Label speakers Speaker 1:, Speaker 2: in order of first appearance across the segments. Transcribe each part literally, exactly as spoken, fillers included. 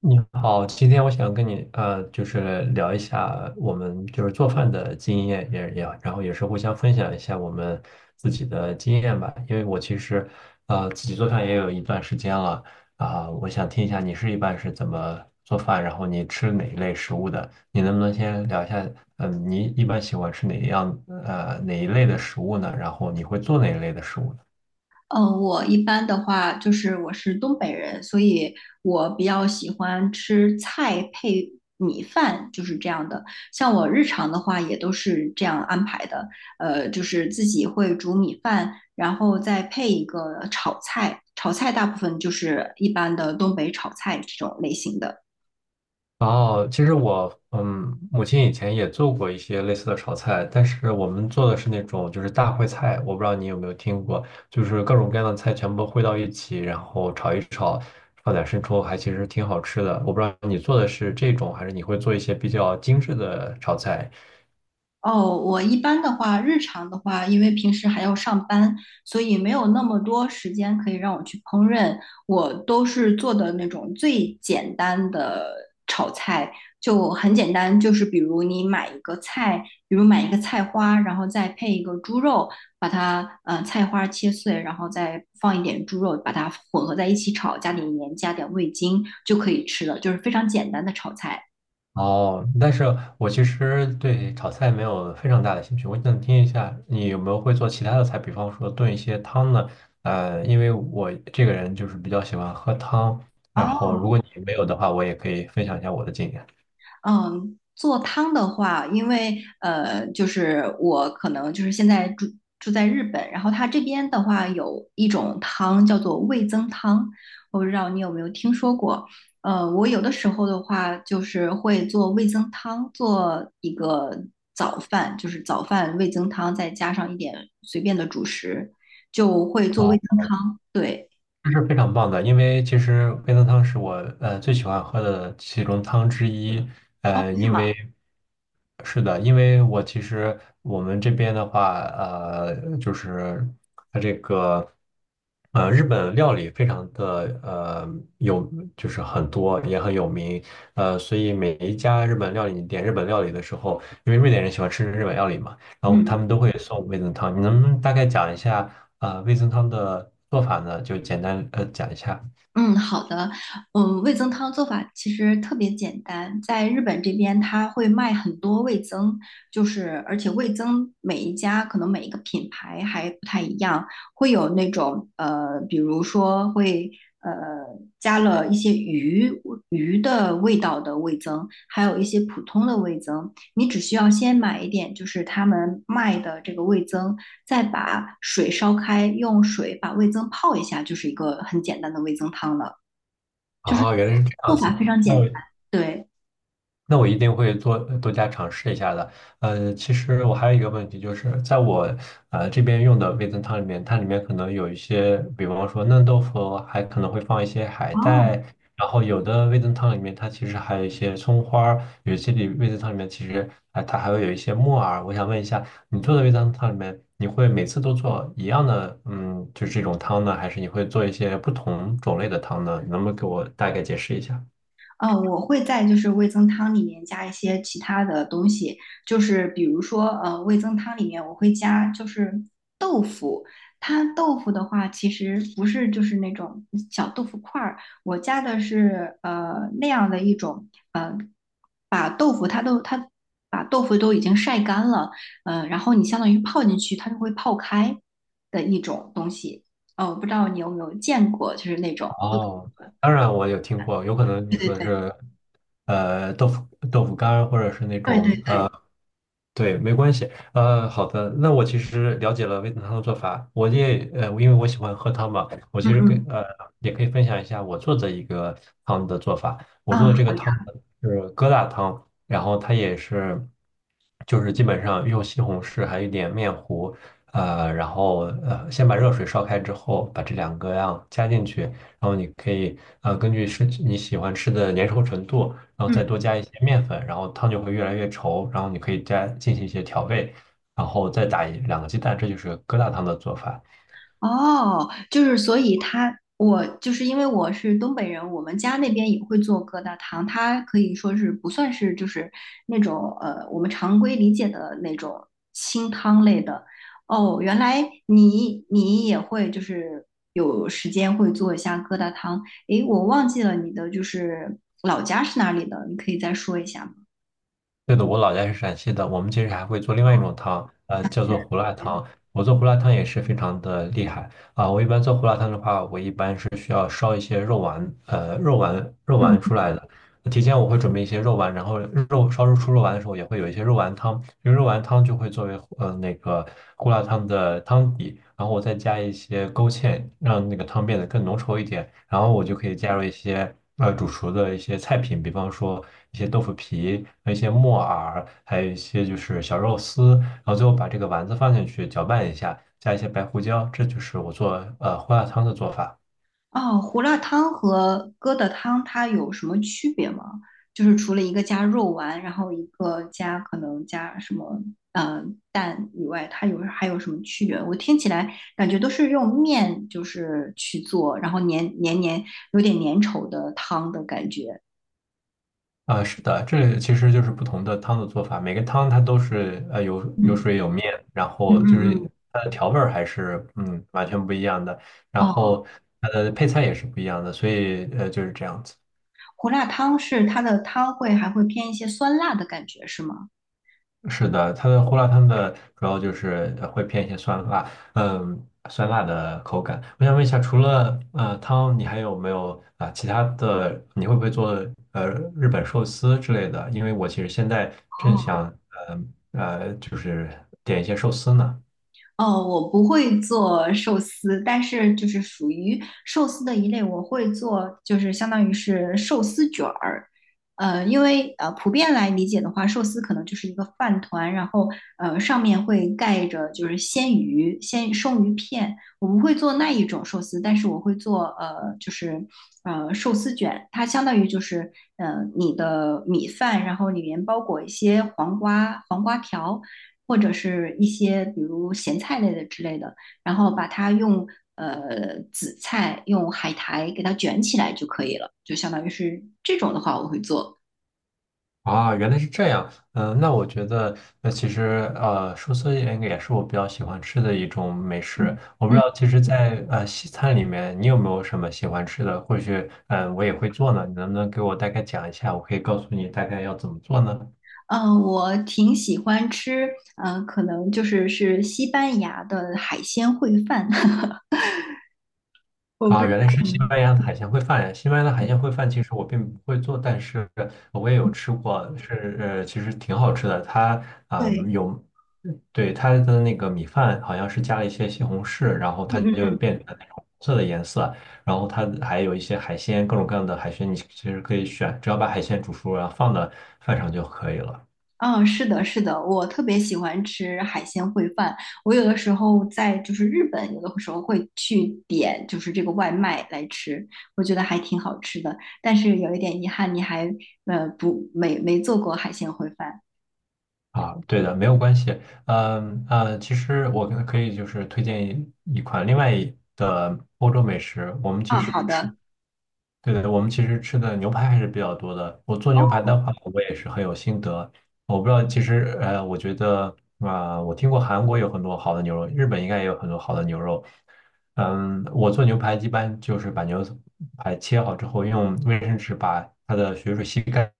Speaker 1: 你好，今天我想跟你呃，就是聊一下我们就是做饭的经验，也也然后也是互相分享一下我们自己的经验吧。因为我其实呃自己做饭也有一段时间了啊，我想听一下你是一般是怎么做饭，然后你吃哪一类食物的？你能不能先聊一下，嗯，你一般喜欢吃哪一样呃哪一类的食物呢？然后你会做哪一类的食物呢？
Speaker 2: 嗯，我一般的话就是我是东北人，所以我比较喜欢吃菜配米饭，就是这样的。像我日常的话也都是这样安排的，呃，就是自己会煮米饭，然后再配一个炒菜，炒菜大部分就是一般的东北炒菜这种类型的。
Speaker 1: 哦，其实我嗯，母亲以前也做过一些类似的炒菜，但是我们做的是那种就是大烩菜，我不知道你有没有听过，就是各种各样的菜全部烩到一起，然后炒一炒，放点生抽，还其实挺好吃的。我不知道你做的是这种，还是你会做一些比较精致的炒菜。
Speaker 2: 哦，我一般的话，日常的话，因为平时还要上班，所以没有那么多时间可以让我去烹饪。我都是做的那种最简单的炒菜，就很简单，就是比如你买一个菜，比如买一个菜花，然后再配一个猪肉，把它呃菜花切碎，然后再放一点猪肉，把它混合在一起炒，加点盐，加点味精就可以吃了，就是非常简单的炒菜。
Speaker 1: 哦，但是我其实对炒菜没有非常大的兴趣。我想听一下你有没有会做其他的菜，比方说炖一些汤呢？呃，因为我这个人就是比较喜欢喝汤，然后
Speaker 2: 哦。
Speaker 1: 如果你没有的话，我也可以分享一下我的经验。
Speaker 2: 嗯，做汤的话，因为呃，就是我可能就是现在住住在日本，然后它这边的话有一种汤叫做味增汤，我不知道你有没有听说过。呃，我有的时候的话就是会做味增汤，做一个早饭，就是早饭味增汤，再加上一点随便的主食，就会做
Speaker 1: 好，
Speaker 2: 味增汤。对，
Speaker 1: 这是非常棒的，因为其实味增汤是我呃最喜欢喝的其中汤之一。呃，
Speaker 2: 是
Speaker 1: 因
Speaker 2: 吗？
Speaker 1: 为是的，因为我其实我们这边的话，呃，就是。呃，日本料理非常的呃有，就是很多也很有名，呃，所以每一家日本料理，你点日本料理的时候，因为瑞典人喜欢吃日本料理嘛，然后他
Speaker 2: 嗯。
Speaker 1: 们都会送味增汤。你能不能大概讲一下啊，呃，味增汤的做法呢？就简单呃讲一下。
Speaker 2: 嗯，好的。嗯，味增汤做法其实特别简单，在日本这边它会卖很多味增，就是而且味增每一家可能每一个品牌还不太一样，会有那种呃，比如说会呃加了一些鱼鱼的味道的味增，还有一些普通的味增。你只需要先买一点，就是他们卖的这个味增，再把水烧开，用水把味增泡一下，就是一个很简单的味增汤了。就是
Speaker 1: 哦，原来是这
Speaker 2: 做
Speaker 1: 样
Speaker 2: 法
Speaker 1: 子。
Speaker 2: 非常
Speaker 1: 那
Speaker 2: 简单。
Speaker 1: 我。
Speaker 2: 对，
Speaker 1: 那我一定会多多加尝试一下的。呃，其实我还有一个问题，就是在我呃这边用的味增汤里面，它里面可能有一些，比方说嫩豆腐，还可能会放一些海带，
Speaker 2: 哦，
Speaker 1: 然后有的味增汤里面它其实还有一些葱花儿，有些里味增汤里面其实哎它还会有一些木耳。我想问一下，你做的味增汤里面，你会每次都做一样的，嗯，就是这种汤呢，还是你会做一些不同种类的汤呢？你能不能给我大概解释一下？
Speaker 2: 哦，呃我会在就是味增汤里面加一些其他的东西，就是比如说，呃，味增汤里面我会加就是豆腐，它豆腐的话其实不是就是那种小豆腐块儿，我加的是呃那样的一种，呃，把豆腐它都它把豆腐都已经晒干了，呃，然后你相当于泡进去，它就会泡开的一种东西，呃，我不知道你有没有见过，就是那种，
Speaker 1: 哦，当然我有听过，有可能你
Speaker 2: 对对
Speaker 1: 说的
Speaker 2: 对。
Speaker 1: 是，呃，豆腐豆腐干儿或者是那
Speaker 2: 对对
Speaker 1: 种
Speaker 2: 对，
Speaker 1: 对，没关系。呃，好的，那我其实了解了味噌汤的做法，我也呃，因为我喜欢喝汤嘛，我
Speaker 2: 嗯
Speaker 1: 其实跟
Speaker 2: 嗯，
Speaker 1: 呃也可以分享一下我做的一个汤的做法。我
Speaker 2: 啊，
Speaker 1: 做的这个
Speaker 2: 好
Speaker 1: 汤呢
Speaker 2: 呀，
Speaker 1: 是疙瘩汤，然后它也是就是基本上用西红柿还有一点面糊，呃，然后呃先把热水烧开之后，把这两个样加进去，然后你可以呃根据是你喜欢吃的粘稠程度。然后再多
Speaker 2: 嗯，
Speaker 1: 加一些面粉，然后汤就会越来越稠，然后你可以加进行一些调味，然后再打一两个鸡蛋，这就是疙瘩汤的做法。
Speaker 2: 哦，就是所以他我就是因为我是东北人，我们家那边也会做疙瘩汤，它可以说是不算是就是那种呃我们常规理解的那种清汤类的。哦，原来你你也会就是有时间会做一下疙瘩汤，诶，我忘记了你的就是老家是哪里的，你可以再说一下吗？
Speaker 1: 对的，我老家是陕西的，我们其实还会做另外一种汤，呃，叫做胡辣汤。我做胡辣汤也是非常的厉害啊，我一般做胡辣汤的话，我一般是需要烧一些肉丸，呃，肉丸肉
Speaker 2: 嗯，
Speaker 1: 丸出来的。提前我会准备一些肉丸，然后肉烧肉出肉丸的时候也会有一些肉丸汤，因为肉丸汤就会作为呃那个胡辣汤的汤底，然后我再加一些勾芡，让那个汤变得更浓稠一点，然后我就可以加入一些呃煮熟的一些菜品，比方说一些豆腐皮、一些木耳，还有一些就是小肉丝，然后最后把这个丸子放进去搅拌一下，加一些白胡椒，这就是我做呃胡辣汤的做法。
Speaker 2: 哦，胡辣汤和疙瘩汤它有什么区别吗？就是除了一个加肉丸，然后一个加可能加什么呃蛋以外，它有还有什么区别？我听起来感觉都是用面就是去做，然后黏黏黏有点粘稠的汤的感觉。
Speaker 1: 啊，是的，这其实就是不同的汤的做法，每个汤它都是呃有有
Speaker 2: 嗯
Speaker 1: 水有面，然
Speaker 2: 嗯
Speaker 1: 后就
Speaker 2: 嗯
Speaker 1: 是
Speaker 2: 嗯。
Speaker 1: 它的调味儿还是嗯完全不一样的，然
Speaker 2: 哦，
Speaker 1: 后它的配菜也是不一样的，所以呃就是这样子。
Speaker 2: 胡辣汤是它的汤会还会偏一些酸辣的感觉是吗？
Speaker 1: 是的，它的胡辣汤的主要就是呃会偏一些酸辣，嗯，酸辣的口感。我想问一下，除了呃汤，你还有没有啊、其他的？你会不会做呃日本寿司之类的？因为我其实现在正
Speaker 2: 哦。
Speaker 1: 想呃呃就是点一些寿司呢。
Speaker 2: 哦，我不会做寿司，但是就是属于寿司的一类，我会做，就是相当于是寿司卷儿。呃，因为呃，普遍来理解的话，寿司可能就是一个饭团，然后呃，上面会盖着就是鲜鱼、鲜生鱼片。我不会做那一种寿司，但是我会做呃，就是呃寿司卷，它相当于就是呃你的米饭，然后里面包裹一些黄瓜、黄瓜条。或者是一些比如咸菜类的之类的，然后把它用呃紫菜用海苔给它卷起来就可以了，就相当于是这种的话我会做。
Speaker 1: 啊，原来是这样。嗯、那我觉得，那其实呃，寿司应该也是我比较喜欢吃的一种美食。
Speaker 2: 嗯
Speaker 1: 我不知
Speaker 2: 嗯，
Speaker 1: 道，其实在，呃西餐里面，你有没有什么喜欢吃的？或许，嗯、我也会做呢。你能不能给我大概讲一下？我可以告诉你大概要怎么做呢？
Speaker 2: 呃，我挺喜欢吃，呃，可能就是是西班牙的海鲜烩饭，我不
Speaker 1: 啊，
Speaker 2: 知
Speaker 1: 原来是
Speaker 2: 道，
Speaker 1: 西
Speaker 2: 嗯，
Speaker 1: 班牙的海鲜烩饭呀！西班牙的海鲜烩饭其实我并不会做，但是我也有吃过，是呃，其实挺好吃的。它啊、
Speaker 2: 对，
Speaker 1: 有，对它的那个米饭好像是加了一些西红柿，然后它
Speaker 2: 嗯
Speaker 1: 就变成那种红色的颜色，然后它还有一些海鲜，各种各样的海鲜，你其实可以选，只要把海鲜煮熟，然后放到饭上就可以了。
Speaker 2: 嗯，是的，是的，我特别喜欢吃海鲜烩饭。我有的时候在就是日本，有的时候会去点就是这个外卖来吃，我觉得还挺好吃的。但是有一点遗憾，你还呃不没没做过海鲜烩饭
Speaker 1: 啊，对的，没有关系。嗯呃，其实我可可以就是推荐一一款另外一的欧洲美食，我们
Speaker 2: 啊？
Speaker 1: 其实
Speaker 2: 好
Speaker 1: 吃
Speaker 2: 的，
Speaker 1: 对的，我们其实吃的牛排还是比较多的。我做牛排的话，我也是很有心得。我不知道，其实呃，我觉得啊、我听过韩国有很多好的牛肉，日本应该也有很多好的牛肉。嗯，我做牛排一般就是把牛排切好之后，用卫生纸把它的血水吸干，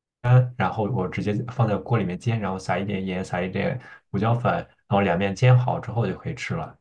Speaker 1: 然后我直接放在锅里面煎，然后撒一点盐，撒一点胡椒粉，然后两面煎好之后就可以吃了。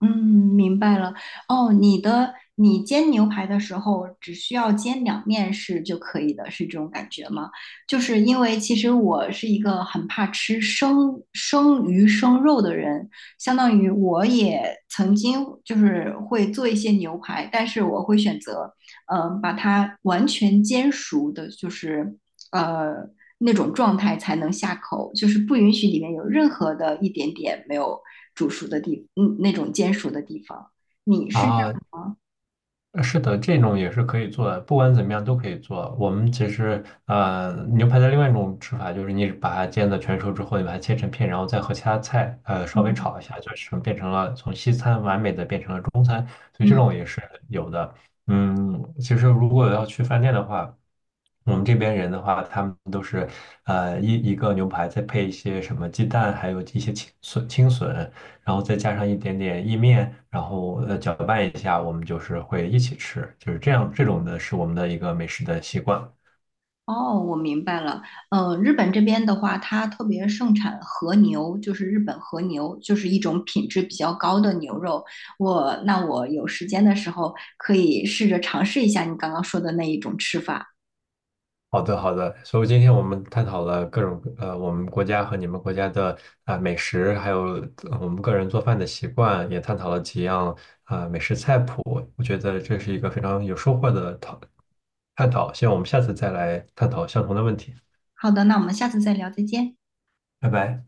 Speaker 2: 嗯，明白了。哦，你的你煎牛排的时候只需要煎两面是就可以的，是这种感觉吗？就是因为其实我是一个很怕吃生生鱼生肉的人，相当于我也曾经就是会做一些牛排，但是我会选择嗯、呃把它完全煎熟的，就是呃那种状态才能下口，就是不允许里面有任何的一点点没有煮熟的地，嗯，那种煎熟的地方。
Speaker 1: 啊，呃是的，这种也是可以做的，不管怎么样都可以做。我们其实，呃，牛排的另外一种吃法就是你把它煎的全熟之后，你把它切成片，然后再和其他菜，呃，稍微
Speaker 2: 嗯
Speaker 1: 炒一下，就是变成了从西餐完美的变成了中餐，所以这
Speaker 2: 嗯，
Speaker 1: 种也是有的。嗯，其实如果要去饭店的话，我们这边人的话，他们都是，呃，一一个牛排再配一些什么鸡蛋，还有一些青笋、青笋。然后再加上一点点意面，然后呃搅拌一下，我们就是会一起吃，就是这样，这种的是我们的一个美食的习惯。
Speaker 2: 哦，我明白了。呃，日本这边的话，它特别盛产和牛，就是日本和牛，就是一种品质比较高的牛肉。我，那我有时间的时候可以试着尝试一下你刚刚说的那一种吃法。
Speaker 1: 好的，好的。所以今天我们探讨了各种呃，我们国家和你们国家的啊、美食，还有呃我们个人做饭的习惯，也探讨了几样啊、美食菜谱。我觉得这是一个非常有收获的讨探讨。希望我们下次再来探讨相同的问题。
Speaker 2: 好的，那我们下次再聊，再见。
Speaker 1: 拜拜。